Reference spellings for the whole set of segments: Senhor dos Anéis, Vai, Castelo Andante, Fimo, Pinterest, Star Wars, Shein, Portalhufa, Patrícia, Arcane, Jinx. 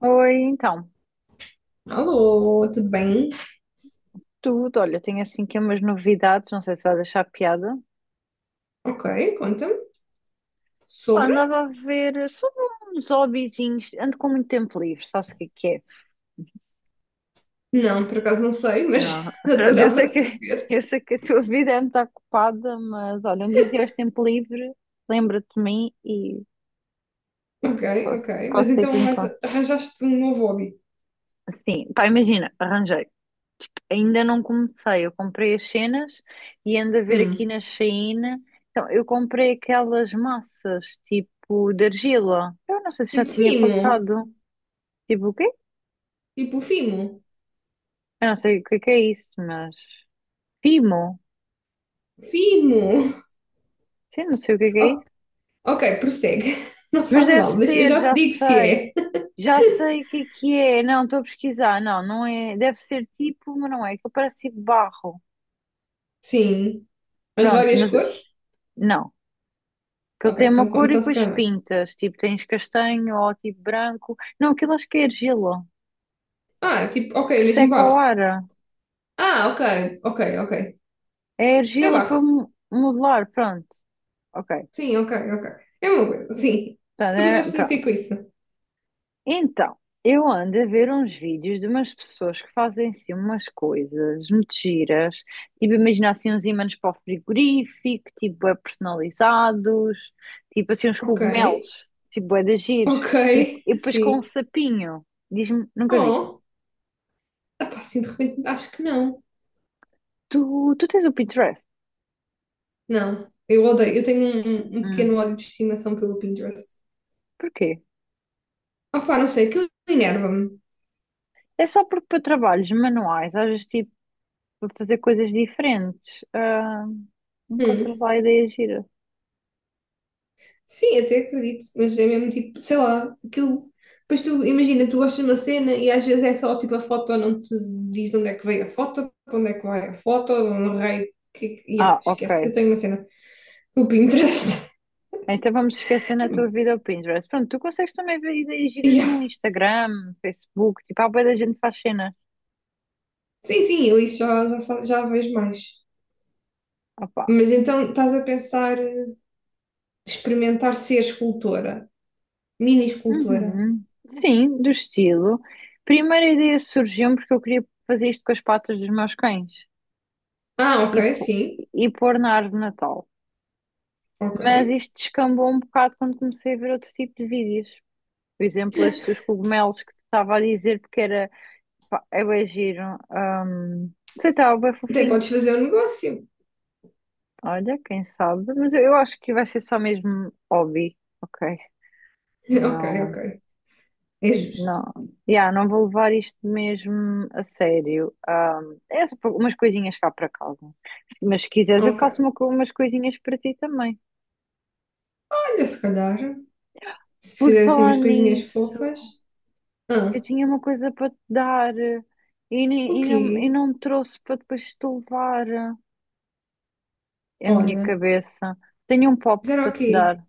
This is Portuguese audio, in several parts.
Oi, então, Alô, tudo bem? tudo. Olha, tenho assim aqui umas novidades, não sei se vais achar piada. Ok, conta-me. Pá, Sobre? andava a ver sobre uns hobbyzinhos, ando com muito tempo livre, sabes o que é que é? Não, por acaso não sei, mas Não, pronto, eu adorava sei que, saber. eu sei que a tua vida é muito ocupada, mas olha, um dia que tiveres tempo livre, lembra-te de mim e Ok, posso, ok. Mas posso ter então aqui em mas con- arranjaste um novo hobby. Sim, pá, imagina, arranjei. Ainda não comecei. Eu comprei as cenas e ando a ver aqui Hum. na Shein. Então, eu comprei aquelas massas tipo de argila. Eu não sei se já Tipo tinha Fimo. contado. Tipo o quê? Tipo Fimo. Eu não sei o que é isso, mas. Pimo? Fimo. Sim, não sei o que é O- isso. ok, prossegue. Não Mas faz deve mal. Deixa- Eu ser, já te já digo se sei. é. Já sei o que é que é. Não, estou a pesquisar. Não, não é. Deve ser tipo, mas não é. Que parece tipo barro. Sim. Mas de Pronto, várias mas. cores? Não. Que ele Ok, tem uma então, cor e então se depois calhar. Não é. pintas. Tipo, tens castanho ou tipo branco. Não, aquilo acho que é argila. Ah, tipo, ok, Que mesmo seca ao barro. ar. Ah, ok, ok, ok. É É argila para barro. mo- modelar. Pronto. Ok. Sim, ok, ok. É uma coisa. Sim. Portanto, Tu me é- vais fazer o que pronto. com isso? Então, eu ando a ver uns vídeos de umas pessoas que fazem assim umas coisas muito giras. Tipo, imagina assim uns ímãs para o frigorífico. Tipo, é personalizados. Tipo assim uns Ok, cogumelos. Tipo, é de giros. ok, E, e depois com um sim. sapinho. Diz-me, nunca viste? Oh, epá, assim de repente acho que não. Tu, tu tens o Pinterest? Não, eu odeio. Eu tenho um Hum, pequeno ódio de estimação pelo Pinterest. porquê? Opá, não sei, aquilo enerva-me. É só porque para trabalhos manuais, às vezes tipo para fazer coisas diferentes, encontras Hum. lá ideias giras. Sim, até acredito, mas é mesmo tipo, sei lá, aquilo. Depois tu imagina, tu gostas de uma cena e às vezes é só tipo a foto, não te diz de onde é que veio a foto, para onde é que vai a foto, de um rei. Que, yeah, Ah, ok. esquece, eu tenho uma cena. O Pinterest. Então vamos esquecer na tua vida o Pinterest. Pronto, tu consegues também ver ideias giras Yeah. no Instagram, Facebook, tipo, há bué da gente que faz cena. Sim, sim, eu isso já vejo mais. Opa. Mas então estás a pensar experimentar ser escultora, mini escultora. Uhum. Sim, do estilo. Primeira ideia surgiu porque eu queria fazer isto com as patas dos meus cães Ah, e, ok, pô- sim, e pôr na árvore de Natal. ok. Mas isto descambou um bocado quando comecei a ver outro tipo de vídeos. Por exemplo, esses dos cogumelos que te estava a dizer, porque era, pá, é bem giro. Não sei, estava bem Até fofinho. podes fazer um negócio. Olha, quem sabe. Mas eu acho que vai ser só mesmo hobby. Ok. Ok, Não, ok. É justo. não. Yeah, não vou levar isto mesmo a sério. É só umas coisinhas cá para casa. Se- Mas se quiseres, eu faço Ok. uma co- umas coisinhas para ti também. Olha, se calhar, se Por fizer assim falar umas coisinhas nisso, fofas. eu Ah, tinha uma coisa para te dar e, o nem- e quê? não me trouxe para depois te levar. A minha Olha, cabeça. Tenho um pop fizeram para o te quê? dar.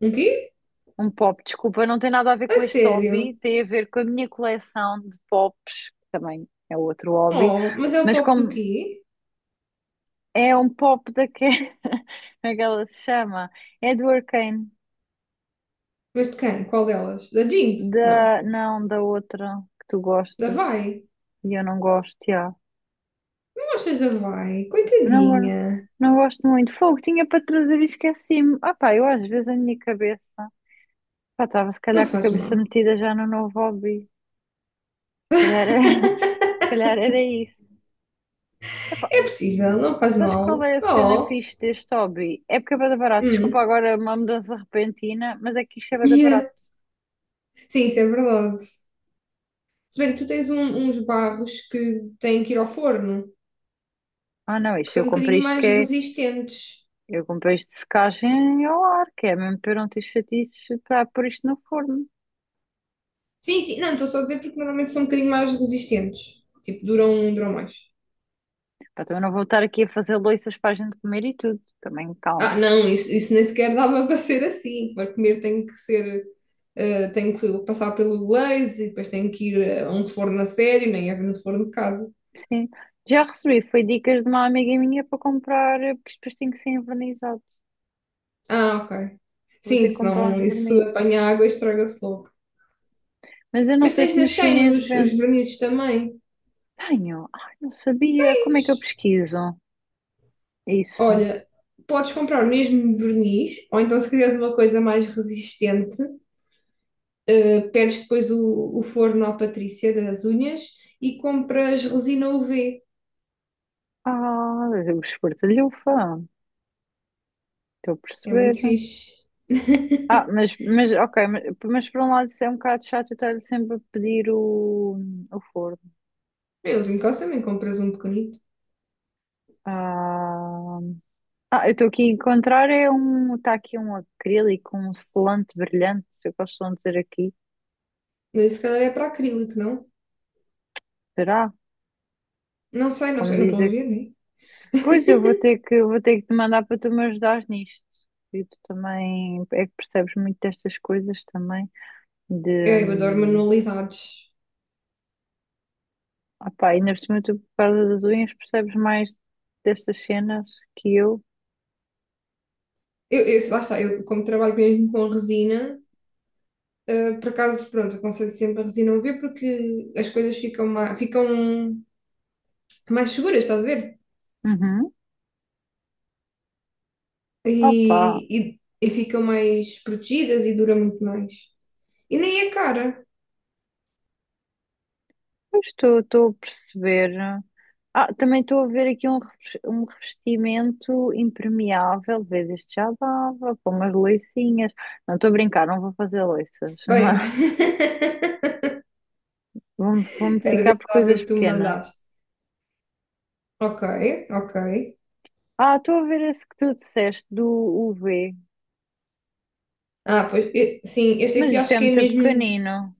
Um quê? Um pop, desculpa, não tem nada a ver A com este sério? hobby, tem a ver com a minha coleção de pops, que também é outro hobby, Oh, mas é o mas pop do como quê? é um pop da que, como é que ela se chama? É do Arcane, Mas de quem? Qual delas? Da Jinx? Não. da, não, da outra que tu Da gostas Vai? e eu não gosto, já. Não achas da Vai? Não, eu Coitadinha. não gosto muito. Fogo, tinha para trazer e esqueci-me. Ah pá, eu às vezes a minha cabeça, pá, estava se Não calhar com a faz cabeça mal. metida já no novo hobby. Calhar era, se calhar era isso. Epá, É possível, não faz sabes qual mal. é a cena Oh, fixe deste hobby? É porque é bué da barato. Desculpa hum, agora uma mudança repentina, mas é que isto é bué da yeah. barato. Sim, isso é verdade. Se bem que tu tens uns barros que têm que ir ao forno, Ah não, que isto eu são um comprei bocadinho isto que mais é. resistentes. Eu comprei isto de secagem ao ar, que é mesmo para eu não ter chatices para pôr isto no forno. Sim, sim, não, estou só a dizer porque normalmente são um bocadinho mais resistentes. Tipo, duram mais. Pá, também não vou estar aqui a fazer louças para a gente comer e tudo. Também Ah, calma. não, isso nem sequer dava para ser assim. Para comer tem que ser, tem que passar pelo glaze e depois tem que ir a um forno a sério, nem é no forno de casa. Sim. Já recebi, foi dicas de uma amiga minha para comprar, porque isto depois tem que ser envernizado. Ah, ok. Vou ter Sim, que comprar senão uns isso vernizes. apanha água e estraga-se logo. Mas eu não Mas sei tens se na no Shein chinês os vende. vernizes também. Tenho. Ai, não sabia. Como é que eu pesquiso isso? Olha, podes comprar o mesmo verniz, ou então se quiseres uma coisa mais resistente, pedes depois o forno à Patrícia das unhas e compras resina UV. Ah, os Portalhufa. Estou a É perceber. muito fixe. Ah, mas ok, mas por um lado isso é um bocado chato eu estar sempre a pedir o forno. Eu de caso também compras um pequenito. Ah, ah, eu estou aqui a encontrar é um, está aqui um acrílico, um selante brilhante, se eu posso dizer aqui. Mas isso, se calhar é para acrílico, não? Será? Não sei, não Como sei, não estou a dizer que. ver, né? Pois eu vou ter que te mandar para tu me ajudares nisto. E tu também é que percebes muito destas coisas também. De É, eu adoro manualidades. opá, ainda por cima tu por causa das unhas percebes mais destas cenas que eu. Lá está, eu como trabalho mesmo com resina, por acaso, pronto, aconselho sempre a resina UV porque as coisas ficam mais seguras, estás a ver? Uhum. Opá, E, e, e ficam mais protegidas e dura muito mais. E nem é cara. pois estou a perceber. Ah, também estou a ver aqui um, revest- um revestimento impermeável, vês, este já dava, com umas loicinhas. Não estou a brincar, não vou fazer loiças, Bem, mas vou-me espera, ficar deixa por lá ver o coisas que tu me pequenas. mandaste. Ok, ok. Ah, estou a ver esse que tu disseste do UV, Ah, pois, sim, este mas aqui isto acho é que é muito mesmo. pequenino.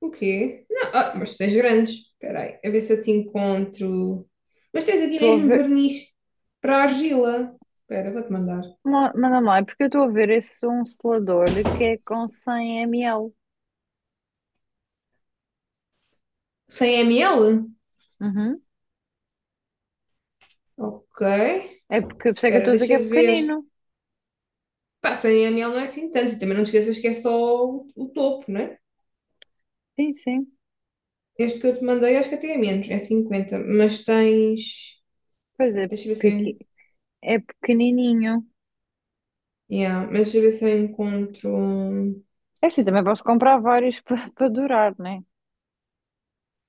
O quê? Não, ah, mas tu tens grandes. Espera aí, a ver se eu te encontro. Mas tens aqui Estou a mesmo ver. verniz para argila. Espera, vou-te mandar. Ma- Manda lá, é porque eu estou a ver esse um selador de que é com 100 ml. 100 ml? Uhum. Ok. É porque, por isso é que eu Espera, estou a dizer que deixa é ver. pequenino. Pá, sem a miel não é assim tanto. E também não te esqueças que é só o topo, não é? Sim, sim. Este que eu te mandei acho que até é menos, é 50. Mas tens. Pois Espera, é, deixa eu ver se eu. En- pequi- é pequenininho. Yeah, mas deixa eu ver se eu encontro. Um, É assim, também posso comprar vários para durar, né?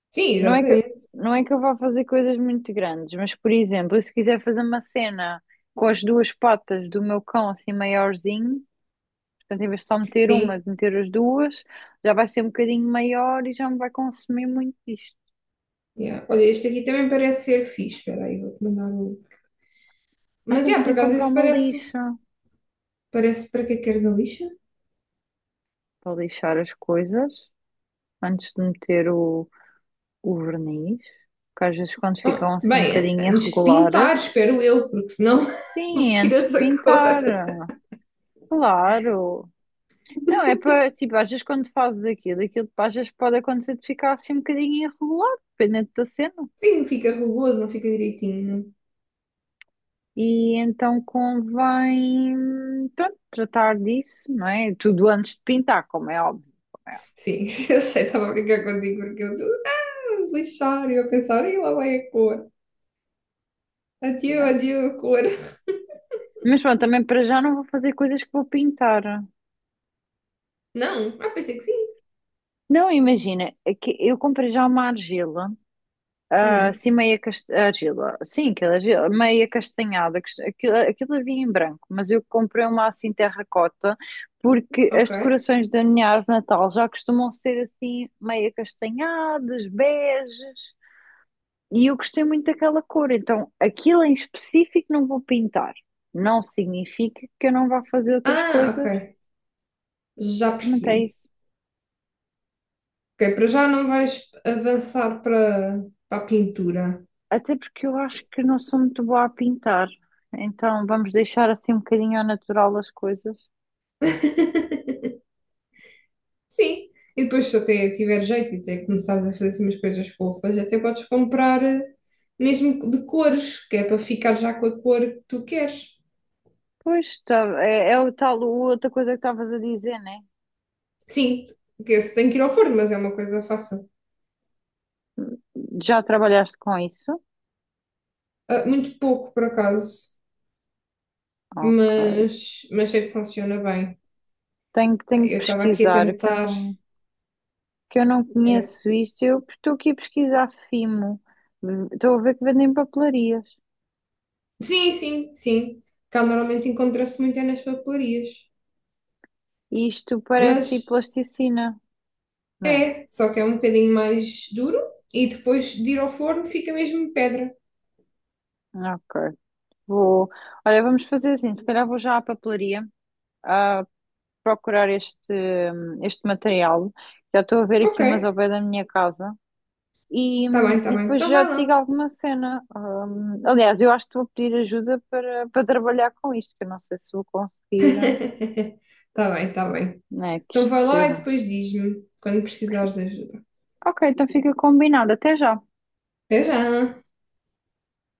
Sim, Não é que, exatamente. não é que eu vá fazer coisas muito grandes, mas, por exemplo, se quiser fazer uma cena com as duas patas do meu cão assim maiorzinho, portanto, em vez de só meter uma, Sim. de meter as duas, já vai ser um bocadinho maior e já me vai consumir muito isto. Yeah. Olha, este aqui também parece ser fixe. Espera aí, vou-te mandar o Ah, Mas, também yeah, por tenho que acaso, comprar esse uma parece. lixa. Parece para que é que queres a lixa? Para lixar as coisas antes de meter o verniz, porque às vezes quando Ah, ficam assim um bem, bocadinho antes de irregulares, pintar, espero eu, porque senão sim, é antes de tiras a cor. pintar, claro. Não, é para, tipo, às vezes quando fazes aquilo, aquilo às vezes pode acontecer de ficar assim um bocadinho irregular, dependendo da cena. Sim, fica rugoso, não fica direitinho. E então convém, pronto, tratar disso, não é? Tudo antes de pintar, como é óbvio. Como é Sim, eu sei, estava a brincar contigo porque eu estava a lixar e eu a pensar, e lá vai a cor. óbvio, não Adieu, é? adieu a cor. Mas pronto, também para já não vou fazer coisas que vou pintar. Não, ah, pensei que sim. Não, imagina, é que eu comprei já uma argila, Hum, assim meia cast... argila, sim, aquela argila, meia castanhada, cas- aquilo, aquilo havia em branco, mas eu comprei uma assim terracota, porque as ok. decorações da minha árvore de Natal já costumam ser assim meia castanhadas, beges, e eu gostei muito daquela cor, então aquilo em específico não vou pintar, não significa que eu não vá fazer outras Ah, coisas, ok. Já não é percebi. isso. Ok, para já não vais avançar para, para a pintura. Até porque eu acho que não sou muito boa a pintar, então vamos deixar assim um bocadinho ao natural as coisas. Sim. E depois, se até tiver jeito e até começares a fazer assim umas coisas fofas, até podes comprar mesmo de cores, que é para ficar já com a cor que tu queres. Pois, tá, é, é o tal, outra coisa que estavas a dizer, né? Sim, que esse tem que ir ao forno, mas é uma coisa fácil. Já trabalhaste com isso? Ah, muito pouco, por acaso, Ok. Mas sei que funciona bem. Tenho que Eu estava aqui a pesquisar, tentar. Que eu não Era... conheço isto. Eu estou aqui a pesquisar Fimo. Estou a ver que vendem papelarias. Sim, sim, sim. Cá normalmente encontra-se muito é nas papelarias. E isto parece tipo Mas plasticina, não é? é, só que é um bocadinho mais duro e depois de ir ao forno fica mesmo pedra. Ok. Vou. Olha, vamos fazer assim, se calhar vou já à papelaria. Ah, procurar este, este material. Já estou a ver Ok, aqui umas ao pé da minha casa. Tá bem, tá E bem. depois Então já vai te digo lá. alguma cena. Aliás, eu acho que vou pedir ajuda para, para trabalhar com isto, que eu não sei se vou conseguir. tá bem, tá bem. Né, que Então vai lá e isto... depois diz-me quando precisares de ajuda. Ok, então fica combinado. Até já. Até já!